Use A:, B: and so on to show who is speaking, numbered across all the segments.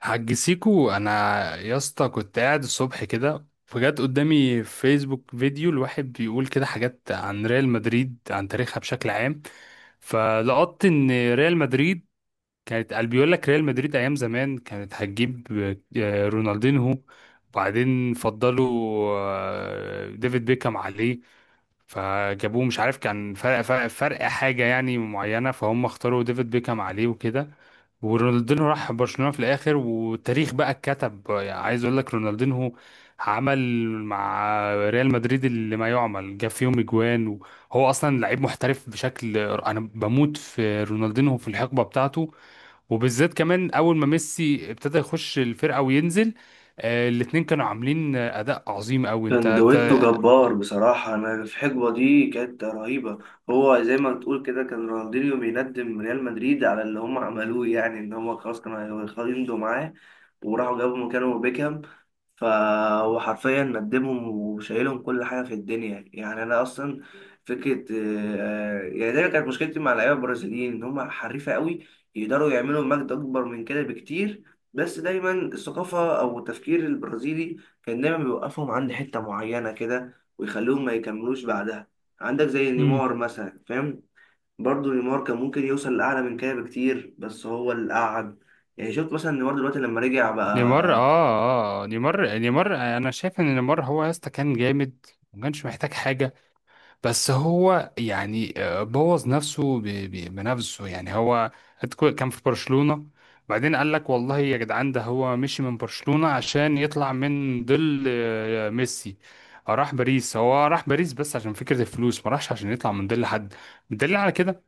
A: حاج سيكو انا، يا اسطى كنت قاعد الصبح كده، فجأة قدامي في فيسبوك فيديو الواحد بيقول كده حاجات عن ريال مدريد، عن تاريخها بشكل عام. فلقطت ان ريال مدريد كانت، قال بيقول لك ريال مدريد ايام زمان كانت هتجيب رونالدينهو، وبعدين فضلوا ديفيد بيكهام عليه. فجابوه مش عارف كان فرق حاجة يعني معينة، فهم اختاروا ديفيد بيكهام عليه وكده. ورونالدينو راح برشلونة في الآخر، والتاريخ بقى اتكتب. يعني عايز أقول لك رونالدينو عمل مع ريال مدريد اللي ما يعمل، جاب فيهم اجوان. وهو أصلا لعيب محترف بشكل، أنا بموت في رونالدينو في الحقبة بتاعته، وبالذات كمان أول ما ميسي ابتدى يخش الفرقة وينزل. الاتنين كانوا عاملين أداء عظيم أوي.
B: كان
A: أنت
B: دويتو جبار بصراحة. أنا في الحقبة دي كانت رهيبة. هو زي ما بتقول كده كان رونالدينيو بيندم ريال مدريد على اللي هم عملوه، يعني إن هم خلاص كانوا هيمضوا معاه وراحوا جابوا مكانه بيكهام. ف وحرفيا ندمهم وشايلهم كل حاجة في الدنيا، يعني أنا أصلا فكرة يعني دايما كانت مشكلتي مع اللعيبة البرازيليين إن هم حريفة قوي، يقدروا يعملوا مجد أكبر من كده بكتير. بس دايما الثقافة أو التفكير البرازيلي كان دايما بيوقفهم عند حتة معينة كده ويخليهم ما يكملوش بعدها. عندك زي
A: أنت،
B: نيمار مثلا، فاهم؟ برضه نيمار كان ممكن يوصل لأعلى من كده بكتير بس هو اللي قعد. يعني شفت مثلا نيمار دلوقتي لما رجع بقى.
A: نيمار، انا شايف ان نيمار هو يا اسطى كان جامد، ما كانش محتاج حاجه. بس هو يعني بوظ نفسه بنفسه. يعني هو كان في برشلونه، بعدين قال لك والله يا جدعان، ده هو مشي من برشلونه عشان يطلع من ظل ميسي. راح باريس، هو راح باريس بس عشان فكره الفلوس، ما راحش عشان يطلع من ظل حد. بدليل على كده،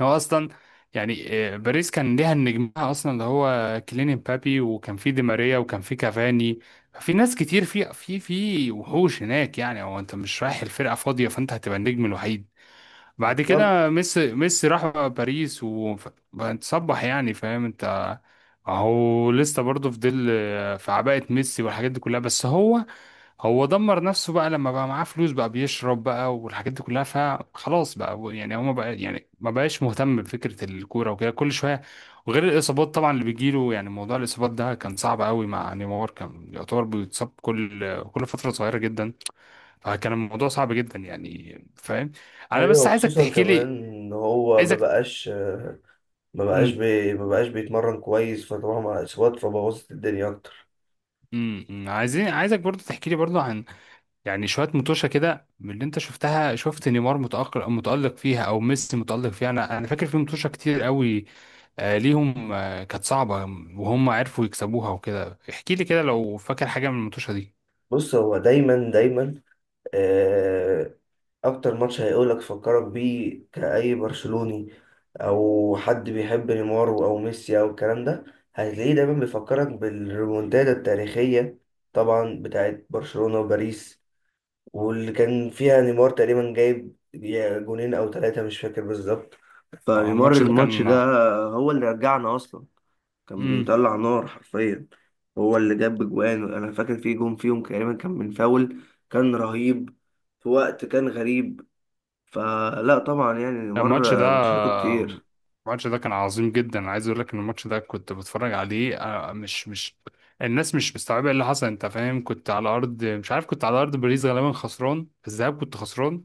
A: هو اصلا يعني باريس كان ليها النجمها اصلا اللي هو كيليان امبابي، وكان في دي ماريا، وكان في كافاني. في ناس كتير، في وحوش هناك. يعني هو انت مش رايح الفرقه فاضيه، فانت هتبقى النجم الوحيد. بعد
B: بالظبط.
A: كده ميسي، راح بقى باريس وتصبح يعني، فاهم انت. اهو لسه برضه في ظل في عباءة ميسي والحاجات دي كلها. بس هو دمر نفسه بقى لما بقى معاه فلوس، بقى بيشرب بقى والحاجات دي كلها. فخلاص بقى يعني، هو ما بقى يعني ما بقاش مهتم بفكرة الكورة وكده كل شوية. وغير الإصابات طبعا اللي بيجيله، يعني موضوع الإصابات ده كان صعب قوي مع نيمار. كان يعتبر بيتصاب كل فترة صغيرة جدا. فكان الموضوع صعب جدا يعني، فاهم. أنا بس
B: ايوه
A: عايزك
B: خصوصا
A: تحكي لي،
B: كمان ان هو ما
A: عايزك،
B: بقاش، ما بقاش
A: امم
B: بي ما بقاش بيتمرن كويس، فطبعا مع الاصابات فبوظت الدنيا اكتر.
A: عايزك برضو تحكي لي برضو، يعني شويه متوشه كده من اللي انت شفتها. شفت نيمار متالق متالق فيها او ميسي متالق فيها، انا فاكر في متوشه كتير قوي. آه ليهم، كانت صعبه وهم عرفوا يكسبوها وكده. احكي لي كده لو فاكر حاجه من المتوشه دي.
B: بص، هو دايما دايما اكتر ماتش هيقولك فكرك بيه كأي برشلوني او حد بيحب نيمار او ميسي او الكلام ده، هتلاقيه دايما بيفكرك بالريمونتادا التاريخية طبعا بتاعت برشلونة وباريس، واللي كان فيها نيمار تقريبا جايب يا جونين او ثلاثة، مش فاكر بالظبط.
A: آه،
B: فنيمار
A: الماتش ده
B: الماتش
A: كان
B: ده هو اللي رجعنا اصلا، كان
A: امم
B: بيطلع نار حرفيا. هو اللي جاب جوان، انا فاكر في جون فيهم تقريبا كان من فاول، كان رهيب في وقت كان غريب. فلا طبعا يعني
A: الماتش ده
B: مره ماتشاته كتير.
A: الماتش ده كان عظيم جدا. أنا عايز اقول لك ان الماتش ده كنت بتفرج عليه مش. الناس مش مستوعبه إيه اللي حصل، انت فاهم. كنت على ارض مش عارف، كنت على ارض باريس غالبا، خسران في الذهاب. كنت خسران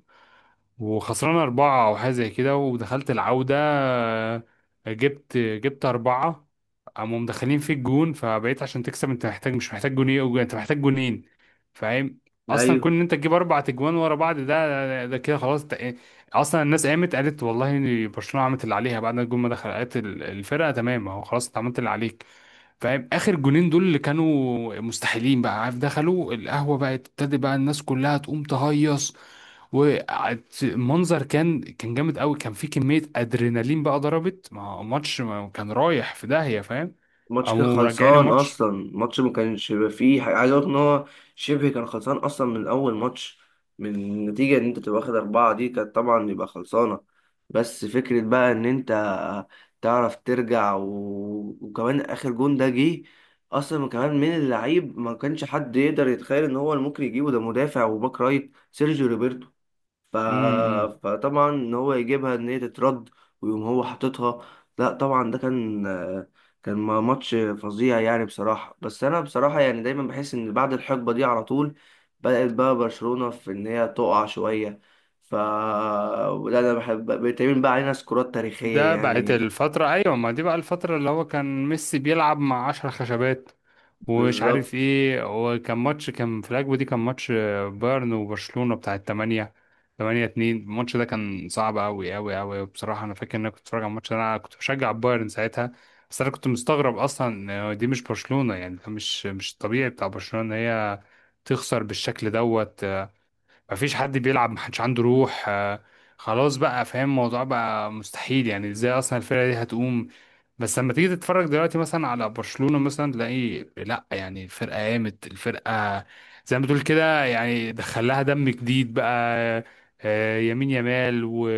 A: وخسران أربعة أو حاجة زي كده، ودخلت العودة. جبت أربعة، قاموا مدخلين في الجون فبقيت عشان تكسب. أنت محتاج، مش محتاج جونين، أنت محتاج جونين فاهم. أصلا
B: ايوه،
A: كون إن أنت تجيب 4 أجوان ورا بعض، ده كده، خلاص أنت-. أصلا الناس قامت قالت والله إن برشلونة عملت اللي عليها، بعد ما الجون ما دخل قالت الفرقة تمام أهو، خلاص أنت عملت اللي عليك، فاهم. اخر جونين دول اللي كانوا مستحيلين بقى، عارف، دخلوا القهوه بقى، ابتدى بقى الناس كلها تقوم تهيص. والمنظر كان جامد قوي، كان في كميه ادرينالين بقى ضربت. ما هو ماتش ما كان رايح في داهيه، فاهم.
B: الماتش كان
A: قاموا مرجعين
B: خلصان
A: الماتش.
B: اصلا، الماتش ما كانش بيبقى فيه حاجة. عايز اقول ان هو شبه كان خلصان اصلا من اول ماتش. من النتيجه ان انت تبقى واخد اربعه دي كانت طبعا يبقى خلصانه. بس فكره بقى ان انت تعرف ترجع، و... وكمان اخر جون ده جه اصلا كمان من اللعيب ما كانش حد يقدر يتخيل ان هو اللي ممكن يجيبه، ده مدافع وباك رايت سيرجيو روبرتو. ف...
A: امم
B: فطبعا ان هو يجيبها ان هي تترد ويقوم هو حاططها، لا طبعا ده كان كان ماتش فظيع يعني بصراحة. بس انا بصراحة يعني دايما بحس ان بعد الحقبة دي على طول بدأت بقى برشلونة في ان هي تقع شوية. ف لا انا بحب بيتعمل بقى علينا سكورات تاريخية
A: ده بقت
B: يعني.
A: الفتره، ايوه. ما دي بقى الفتره اللي هو كان ميسي بيلعب مع 10 خشبات، ومش
B: بالظبط،
A: عارف ايه. هو كان ماتش كان في الأجوبة دي، كان ماتش بايرن وبرشلونة بتاع التمانية، 8-2. الماتش ده كان صعب أوي أوي أوي بصراحة. أنا فاكر إن أنا كنت بتفرج على الماتش ده، أنا كنت بشجع بايرن ساعتها، بس أنا كنت مستغرب أصلا إن دي مش برشلونة. يعني ده مش الطبيعي بتاع برشلونة إن هي تخسر بالشكل دوت. مفيش حد بيلعب، محدش عنده روح. خلاص بقى فاهم، الموضوع بقى مستحيل. يعني ازاي اصلا الفرقة دي هتقوم؟ بس لما تيجي تتفرج دلوقتي مثلا على برشلونة مثلا، تلاقي لا يعني الفرقة قامت. الفرقة زي ما تقول كده، يعني دخلها دم جديد بقى، يمين يمال و...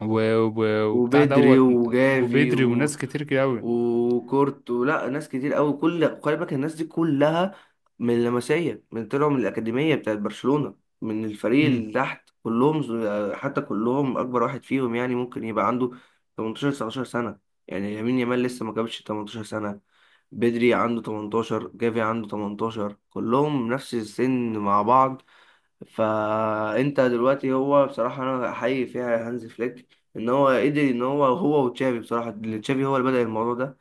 A: و... و... وبتاع
B: وبدري
A: دوت،
B: وجافي
A: وبدري وناس كتير كده قوي.
B: وكورت ولا ناس كتير قوي، كل خلي بالك الناس دي كلها من اللمسيه، من طلعوا من الاكاديميه بتاعت برشلونه، من الفريق
A: امم
B: اللي تحت كلهم حتى كلهم اكبر واحد فيهم يعني ممكن يبقى عنده 18 19 سنه. يعني يمين يامال لسه ما جابش 18 سنه، بدري عنده 18، جافي عنده 18، كلهم نفس السن مع بعض. فانت دلوقتي هو بصراحه انا احيي فيها هانز فليك، ان هو قدر ان هو هو وتشافي، بصراحه اللي تشافي هو اللي بدأ الموضوع ده،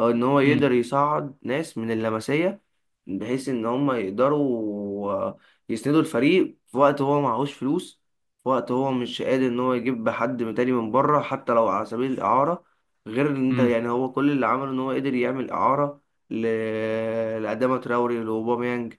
B: هو ان هو
A: امم
B: يقدر يصعد ناس من اللمسيه بحيث ان هم يقدروا يسندوا الفريق في وقت هو معهوش فلوس، في وقت هو مش قادر ان هو يجيب حد من تاني من بره حتى لو على سبيل الاعاره. غير ان انت يعني هو كل اللي عمله ان هو قدر يعمل اعاره ل... لأداما تراوري لاوباميانج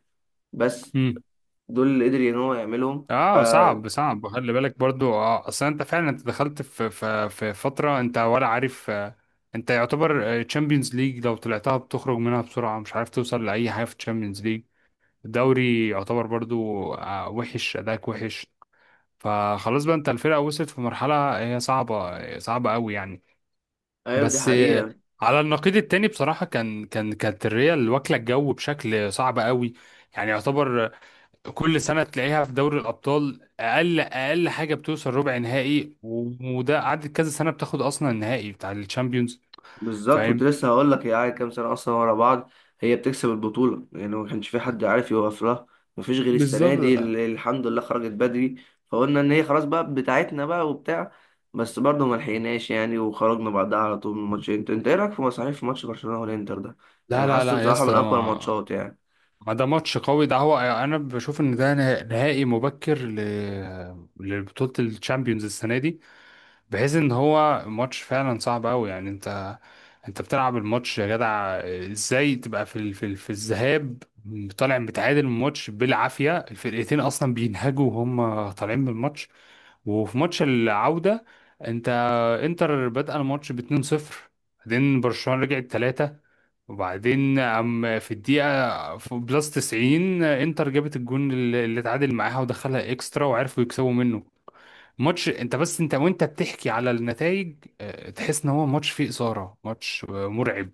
B: بس.
A: امم
B: دول اللي قدر ان هو يعملهم ف.
A: اه، صعب صعب، وخلي بالك برضو. اه اصلا انت فعلا دخلت في فتره، انت ولا عارف انت يعتبر تشامبيونز ليج لو طلعتها بتخرج منها بسرعه، مش عارف توصل لاي حاجه في تشامبيونز ليج. الدوري يعتبر برضو وحش، اداك وحش. فخلاص بقى انت، الفرقه وصلت في مرحله هي صعبه صعبه قوي يعني.
B: ايوه دي
A: بس
B: حقيقة.
A: على النقيض التاني بصراحه، كانت الريال واكله الجو بشكل صعب قوي. يعني يعتبر كل سنة تلاقيها في دوري الأبطال، أقل أقل حاجة بتوصل ربع نهائي، وده قعدت كذا سنة بتاخد أصلا النهائي بتاع الشامبيونز،
B: بالظبط، كنت
A: فاهم.
B: لسه هقول لك هي قاعدة كام سنة اصلا ورا بعض هي بتكسب البطولة، يعني ما كانش في حد عارف يوقف لها. مفيش غير السنة دي
A: بالظبط.
B: اللي الحمد لله خرجت بدري، فقلنا ان هي خلاص بقى بتاعتنا بقى وبتاع. بس برضه ما لحقناش يعني، وخرجنا بعدها على طول من ماتش انتر. انت ايه رايك في مصاريف في ماتش برشلونة والانتر ده؟
A: لا
B: يعني
A: لا
B: حاسه
A: لا يا
B: بصراحة
A: اسطى،
B: من
A: ده
B: اقوى
A: ما
B: الماتشات يعني.
A: ما ده ماتش قوي ده. هو أنا بشوف إن ده نهائي مبكر لبطولة الشامبيونز السنة دي، بحيث ان هو ماتش فعلا صعب قوي يعني. انت بتلعب الماتش يا جدع. ازاي تبقى في في الذهاب طالع متعادل؟ الماتش بالعافيه، الفرقتين اصلا بينهجوا وهم طالعين من الماتش. وفي ماتش العوده، انت انتر بدأ الماتش ب 2-0، بعدين برشلونه رجعت 3. وبعدين، في الدقيقة في بلس 90، انتر جابت الجون اللي اتعادل معاها، ودخلها اكسترا وعرفوا يكسبوا منه. ماتش، انت، وانت بتحكي على النتائج تحس ان هو ماتش فيه اثاره، ماتش مرعب.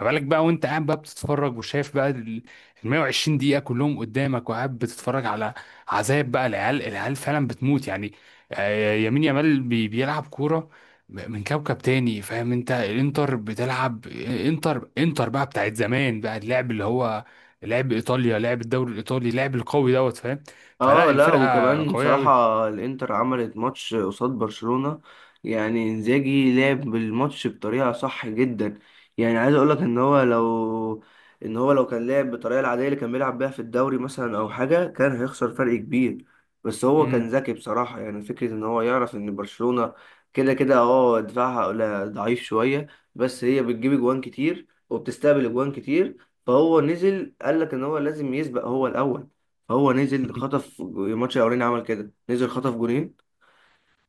A: ما بالك بقى وانت قاعد بقى بتتفرج، وشايف بقى ال 120 دقيقه كلهم قدامك، وقاعد بتتفرج على عذاب بقى. العيال العيال فعلا بتموت يعني. يمين يامال بيلعب كوره من كوكب تاني، فاهم انت. الانتر بتلعب، انتر بقى بتاعت زمان بقى، اللعب اللي هو لعب ايطاليا، لعب الدوري الايطالي، لعب القوي دوت فاهم. فلا
B: اه لا،
A: الفرقه
B: وكمان
A: قويه قوي.
B: بصراحة الانتر عملت ماتش قصاد برشلونة، يعني انزاجي لعب بالماتش بطريقة صح جدا. يعني عايز اقولك ان هو لو، ان هو لو كان لعب بالطريقة العادية اللي كان بيلعب بيها في الدوري مثلا او حاجة كان هيخسر فرق كبير. بس هو كان ذكي بصراحة، يعني فكرة ان هو يعرف ان برشلونة كده كده اه دفاعها ضعيف شوية، بس هي بتجيب اجوان كتير وبتستقبل اجوان كتير. فهو نزل قالك ان هو لازم يسبق هو الاول. هو نزل خطف الماتش الاولاني عمل كده نزل خطف جونين،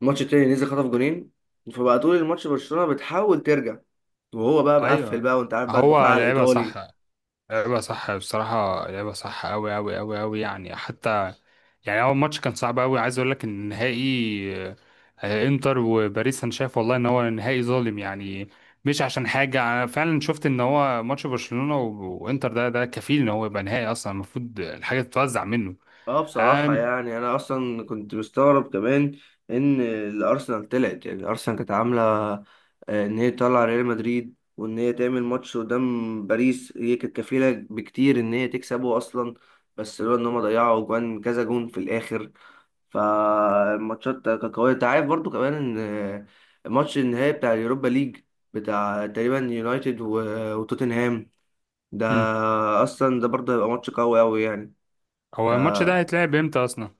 B: الماتش التاني نزل خطف جونين، فبقى طول الماتش برشلونة بتحاول ترجع وهو بقى مقفل
A: ايوه
B: بقى، وانت عارف بقى
A: هو
B: الدفاع
A: لعبها صح،
B: الايطالي.
A: لعبها صح بصراحه، لعبها صح قوي قوي قوي قوي يعني حتى. يعني اول ماتش كان صعب قوي. عايز اقول لك ان النهائي انتر وباريس، انا شايف والله ان هو نهائي ظالم يعني. مش عشان حاجه، انا فعلا شفت ان هو ماتش برشلونه وانتر ده ده كفيل ان هو يبقى نهائي اصلا. المفروض الحاجه تتوزع منه.
B: اه بصراحة
A: أم...
B: يعني انا اصلا كنت مستغرب كمان ان الارسنال طلعت، يعني الارسنال كانت عاملة ان هي تطلع ريال مدريد وان هي تعمل ماتش قدام باريس، هي كانت كفيلة بكتير ان هي تكسبه اصلا، بس لولا ان هم ضيعوا جوان كذا جون في الاخر. فالماتشات كانت قوية، انت عارف برضو كمان ان ماتش النهائي بتاع اليوروبا ليج بتاع تقريبا يونايتد وتوتنهام ده،
A: مم.
B: اصلا ده برضه هيبقى ماتش قوي قوي يعني.
A: هو الماتش ده
B: ده
A: هيتلعب امتى اصلا؟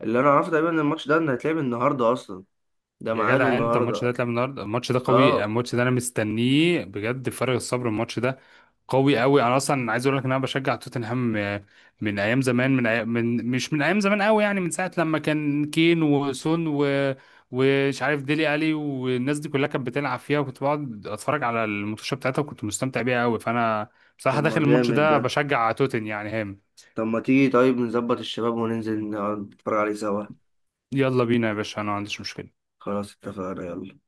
B: اللي انا اعرفه تقريبا ان الماتش ده إن هيتلعب النهارده اصلا، ده
A: يا
B: ميعاده
A: جدع، انت الماتش ده
B: النهارده.
A: اتلعب النهارده. الماتش ده قوي،
B: اه.
A: الماتش ده انا مستنيه بجد، فارغ الصبر الماتش ده قوي قوي. انا اصلا عايز اقول لك ان انا بشجع توتنهام من ايام زمان. من, أي... من مش من ايام زمان قوي يعني، من ساعه لما كان كين وسون ومش عارف ديلي الي والناس دي كلها كانت بتلعب فيها، وكنت بقعد اتفرج على الماتشات بتاعتها وكنت مستمتع بيها قوي. فانا
B: طب
A: بصراحه
B: ما
A: داخل الماتش
B: جامد
A: ده
B: ده،
A: بشجع توتن يعني هام.
B: طب ما تيجي طيب نظبط الشباب وننزل نقعد نتفرج عليه سوا.
A: يلا بينا يا باشا، انا ما عنديش مشكله.
B: خلاص اتفقنا، يلا.